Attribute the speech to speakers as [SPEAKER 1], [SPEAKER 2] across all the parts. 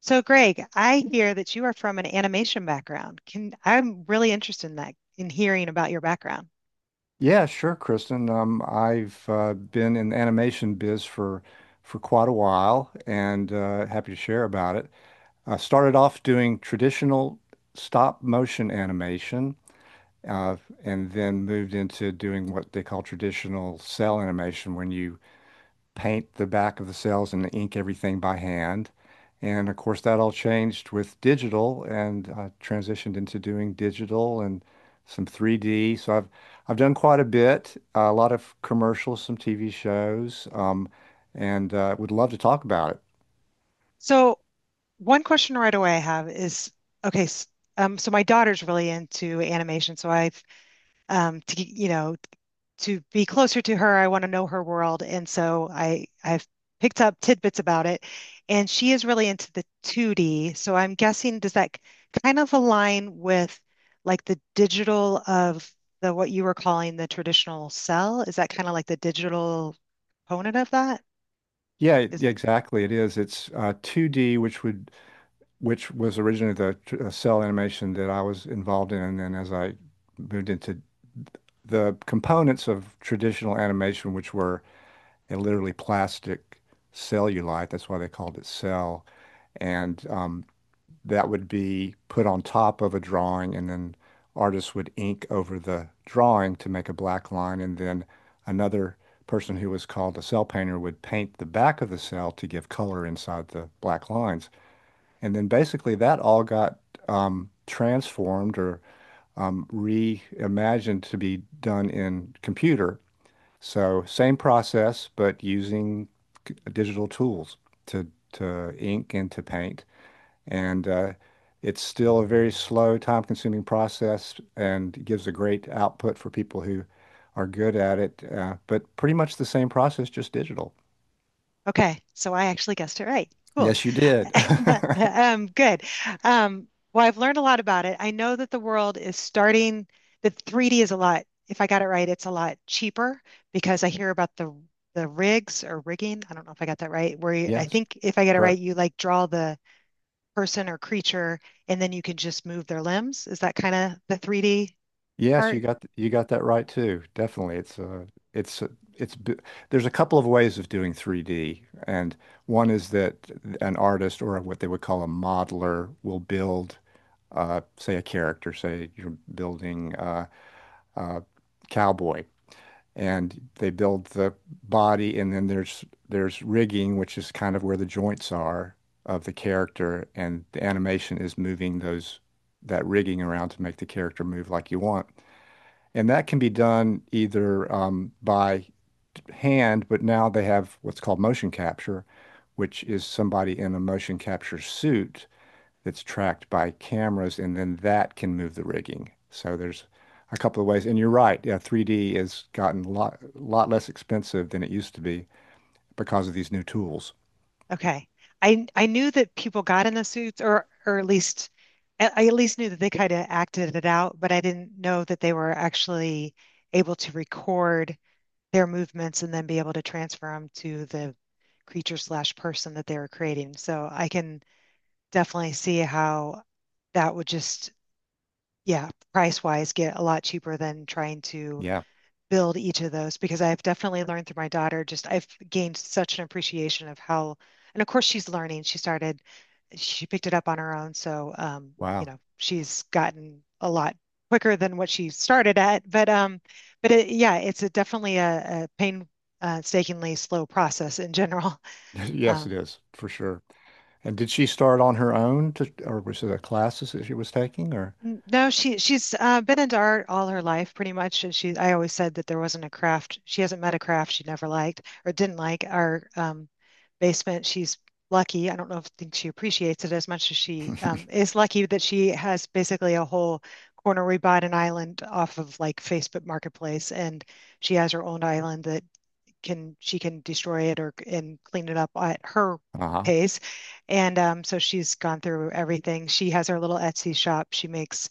[SPEAKER 1] So, Greg, I hear that you are from an animation background. Can I'm really interested in that, in hearing about your background.
[SPEAKER 2] Yeah, sure, Kristen. I've been in the animation biz for quite a while, and happy to share about it. I started off doing traditional stop motion animation, uh, and then moved into doing what they call traditional cell animation, when you paint the back of the cells and ink everything by hand. And of course, that all changed with digital and transitioned into doing digital and some 3D. So I've done quite a bit, a lot of commercials, some TV shows, and would love to talk about it.
[SPEAKER 1] So, one question right away I have is, okay, so my daughter's really into animation, so I've, t you know, to be closer to her. I want to know her world, and so I've picked up tidbits about it, and she is really into the 2D. So I'm guessing, does that kind of align with like the digital of the what you were calling the traditional cell? Is that kind of like the digital component of that?
[SPEAKER 2] Yeah,
[SPEAKER 1] Is
[SPEAKER 2] yeah, exactly. It is. It's 2D, which was originally the cell animation that I was involved in, and then as I moved into the components of traditional animation, which were and literally plastic cellulite. That's why they called it cell. And That would be put on top of a drawing, and then artists would ink over the drawing to make a black line. And then another person who was called a cell painter would paint the back of the cell to give color inside the black lines. And then basically that all got transformed or reimagined to be done in computer, so same process, but using digital tools to to ink and to paint. And it's still a very slow, time-consuming process and gives a great output for people who are good at it. But pretty much the same process, just digital.
[SPEAKER 1] Okay. So I actually guessed it right. Cool.
[SPEAKER 2] Yes, you did.
[SPEAKER 1] Good. Um, well, I've learned a lot about it. I know that the world is starting, the 3D is a lot, if I got it right, it's a lot cheaper because I hear about the rigs or rigging. I don't know if I got that right, where you, I
[SPEAKER 2] Yes,
[SPEAKER 1] think if I get it right,
[SPEAKER 2] correct.
[SPEAKER 1] you like draw the person or creature and then you can just move their limbs. Is that kind of the 3D
[SPEAKER 2] Yes, you
[SPEAKER 1] part?
[SPEAKER 2] got you got that right too. Definitely, it's uh, it's b- there's a couple of ways of doing 3D, and one is that an artist or what they would call a modeler will build, say a character. Say you're building a cowboy, and they build the body, and then there's rigging, which is kind of where the joints are of the character, and the animation is moving those that rigging around to make the character move like you want. And that can be done either by hand, but now they have what's called motion capture, which is somebody in a motion capture suit that's tracked by cameras, and then that can move the rigging. So there's a couple of ways. And you're right, yeah, 3D has gotten a lot, lot less expensive than it used to be because of these new tools.
[SPEAKER 1] Okay. I knew that people got in the suits, or at least I at least knew that they kind of acted it out, but I didn't know that they were actually able to record their movements and then be able to transfer them to the creature slash person that they were creating. So I can definitely see how that would just, yeah, price wise, get a lot cheaper than trying to
[SPEAKER 2] Yeah.
[SPEAKER 1] build each of those, because I've definitely learned through my daughter, just I've gained such an appreciation of how, and of course she's learning. She picked it up on her own. So, you
[SPEAKER 2] Wow.
[SPEAKER 1] know, she's gotten a lot quicker than what she started at. But yeah, it's definitely a painstakingly slow process in general.
[SPEAKER 2] Yes,
[SPEAKER 1] Um,
[SPEAKER 2] it is for sure. And did she start on her own to, or was it a classes that she was taking or?
[SPEAKER 1] No, she's been into art all her life, pretty much. And she, I always said that there wasn't a craft. She hasn't met a craft she never liked or didn't like. Our basement, she's lucky. I don't know if think she appreciates it as much as she is lucky that she has basically a whole corner. We bought an island off of like Facebook Marketplace, and she has her own island that can she can destroy it or and clean it up at her
[SPEAKER 2] Uh-huh.
[SPEAKER 1] pace. And so she's gone through everything. She has her little Etsy shop. She makes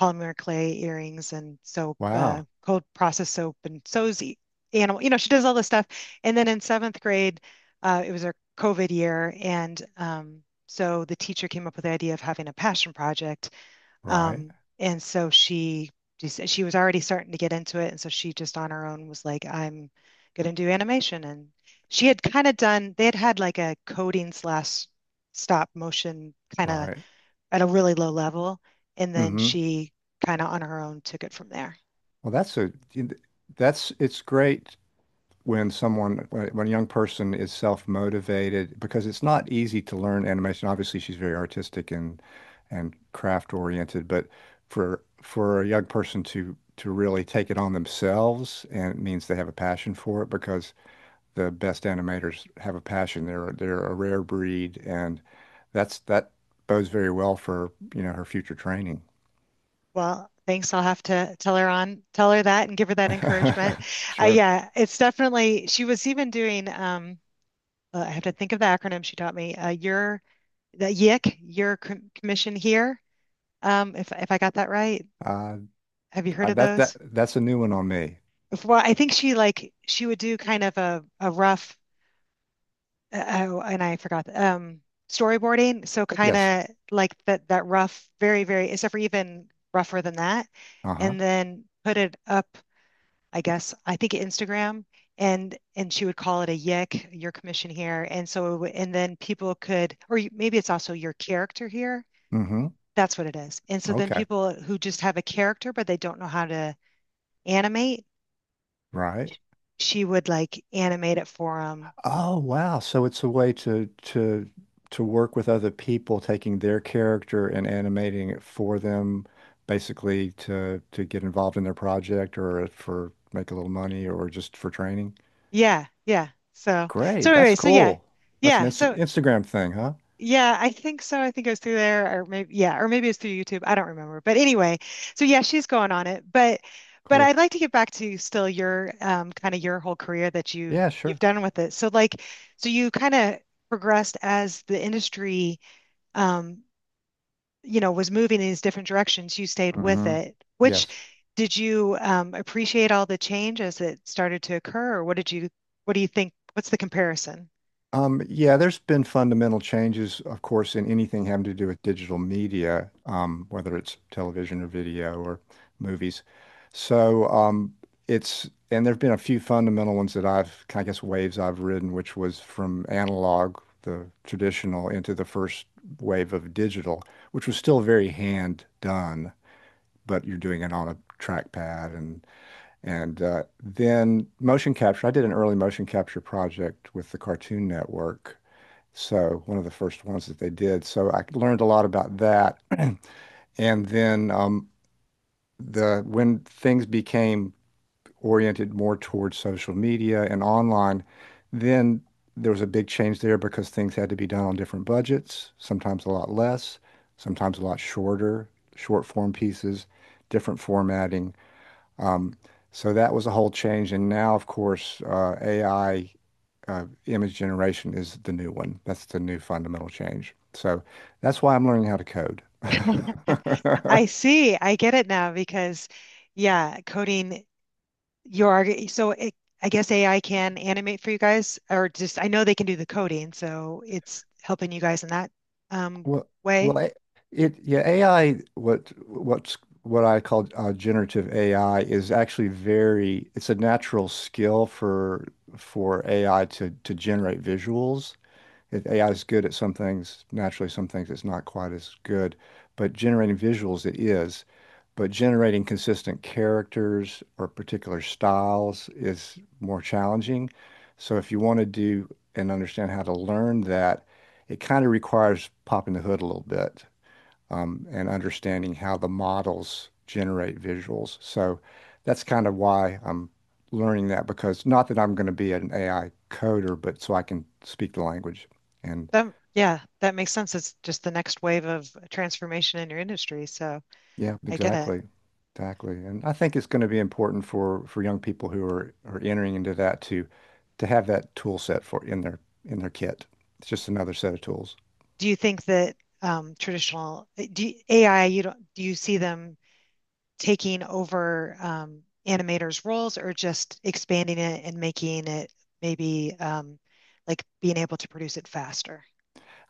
[SPEAKER 1] polymer clay earrings and soap,
[SPEAKER 2] Wow.
[SPEAKER 1] cold process soap, and sews animal. You know, she does all this stuff. And then in seventh grade, it was her COVID year, and so the teacher came up with the idea of having a passion project.
[SPEAKER 2] Right,
[SPEAKER 1] Um, and so she was already starting to get into it, and so she just on her own was like, "I'm going to do animation." And she had kind of done, they had had like a coding slash stop motion kind of
[SPEAKER 2] right.
[SPEAKER 1] at a really low level. And then
[SPEAKER 2] Hmm.
[SPEAKER 1] she kind of on her own took it from there.
[SPEAKER 2] Well, that's it's great when someone when a young person is self-motivated, because it's not easy to learn animation. Obviously, she's very artistic and craft oriented, but for a young person to really take it on themselves, and it means they have a passion for it, because the best animators have a passion. They're a rare breed, and that bodes very well for, you know, her future training.
[SPEAKER 1] Well, thanks. I'll have to tell her tell her that and give her that encouragement.
[SPEAKER 2] Sure.
[SPEAKER 1] Yeah, it's definitely, she was even doing, I have to think of the acronym she taught me, your, the YIC, your commission here. If I got that right,
[SPEAKER 2] Uh,
[SPEAKER 1] have you heard of
[SPEAKER 2] that
[SPEAKER 1] those?
[SPEAKER 2] that's a new one on me.
[SPEAKER 1] Well, I think she like, she would do kind of a rough oh, and I forgot. Storyboarding. So kind
[SPEAKER 2] Yes.
[SPEAKER 1] of like that rough, very, very, except for even rougher than that,
[SPEAKER 2] Uh-huh.
[SPEAKER 1] and then put it up. I guess, I think, Instagram, and she would call it a yick, your commission here, and so it would- and then people could, or you- maybe it's also your character here.
[SPEAKER 2] Mm-hmm.
[SPEAKER 1] That's what it is. And so then
[SPEAKER 2] Okay.
[SPEAKER 1] people who just have a character but they don't know how to animate,
[SPEAKER 2] Right.
[SPEAKER 1] she would like animate it for them.
[SPEAKER 2] Oh, wow. So it's a way to work with other people, taking their character and animating it for them, basically to get involved in their project or for make a little money or just for training.
[SPEAKER 1] Yeah, yeah. So
[SPEAKER 2] Great.
[SPEAKER 1] so
[SPEAKER 2] That's
[SPEAKER 1] anyway, so yeah,
[SPEAKER 2] cool. That's an
[SPEAKER 1] yeah. So
[SPEAKER 2] Instagram thing, huh?
[SPEAKER 1] yeah, I think so. I think it was through there, or maybe yeah, or maybe it was through YouTube. I don't remember. But anyway, so yeah, she's going on it. But
[SPEAKER 2] Cool.
[SPEAKER 1] I'd like to get back to still your kind of your whole career that you've
[SPEAKER 2] Yeah,
[SPEAKER 1] you've
[SPEAKER 2] sure.
[SPEAKER 1] done with it. So like, so you kind of progressed as the industry um you know was moving in these different directions. You stayed with
[SPEAKER 2] Mm-hmm.
[SPEAKER 1] it. Which
[SPEAKER 2] Yes.
[SPEAKER 1] did you appreciate all the change as it started to occur, or what did you what do you think? What's the comparison?
[SPEAKER 2] Yeah, there's been fundamental changes, of course, in anything having to do with digital media, whether it's television or video or movies. So um, and there have been a few fundamental ones that I've, I guess, waves I've ridden, which was from analog, the traditional, into the first wave of digital, which was still very hand done, but you're doing it on a trackpad and and then motion capture. I did an early motion capture project with the Cartoon Network, so one of the first ones that they did. So I learned a lot about that. And then the when things became oriented more towards social media and online, then there was a big change there because things had to be done on different budgets, sometimes a lot less, sometimes a lot shorter, short form pieces, different formatting. Um, so that was a whole change. And now, of course, AI image generation is the new one. That's the new fundamental change. So that's why I'm learning how to code.
[SPEAKER 1] I see. I get it now because, yeah, coding your arg- so it, I guess AI can animate for you guys, or just I know they can do the coding, so it's helping you guys in that um,
[SPEAKER 2] Well,
[SPEAKER 1] way.
[SPEAKER 2] well, I, it yeah, AI. What's what I call generative AI is actually very. It's a natural skill for AI to generate visuals. AI is good at some things. Naturally, some things it's not quite as good, but generating visuals it is. But generating consistent characters or particular styles is more challenging. So if you want to do and understand how to learn that, it kind of requires popping the hood a little bit, and understanding how the models generate visuals. So that's kind of why I'm learning that, because not that I'm going to be an AI coder, but so I can speak the language. And
[SPEAKER 1] But yeah, that makes sense. It's just the next wave of transformation in your industry, so
[SPEAKER 2] yeah,
[SPEAKER 1] I get it.
[SPEAKER 2] exactly. Exactly. And I think it's going to be important for young people who are entering into that to have that tool set for in their kit. It's just another set of tools.
[SPEAKER 1] Do you think that AI, you don't do you see them taking over animators' roles, or just expanding it and making it maybe like being able to produce it faster.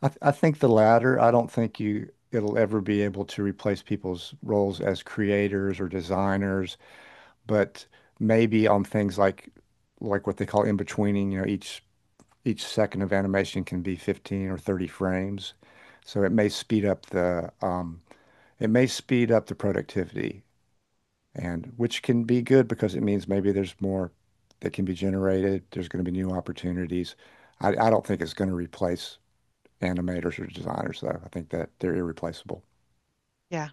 [SPEAKER 2] I think the latter. I don't think you it'll ever be able to replace people's roles as creators or designers, but maybe on things like what they call in-betweening, you know, each second of animation can be 15 or 30 frames. So it may speed up the productivity, and which can be good because it means maybe there's more that can be generated. There's going to be new opportunities. I don't think it's going to replace animators or designers though. I think that they're irreplaceable.
[SPEAKER 1] Yeah,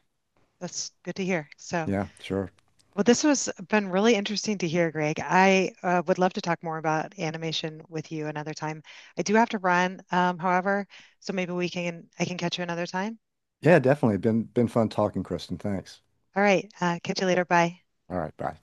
[SPEAKER 1] that's good to hear. So,
[SPEAKER 2] Yeah, sure.
[SPEAKER 1] well, this was been really interesting to hear, Greg. I would love to talk more about animation with you another time. I do have to run, however, so maybe we can I can catch you another time.
[SPEAKER 2] Yeah, definitely. Been fun talking, Kristen. Thanks.
[SPEAKER 1] All right, catch you later. Bye.
[SPEAKER 2] All right, bye.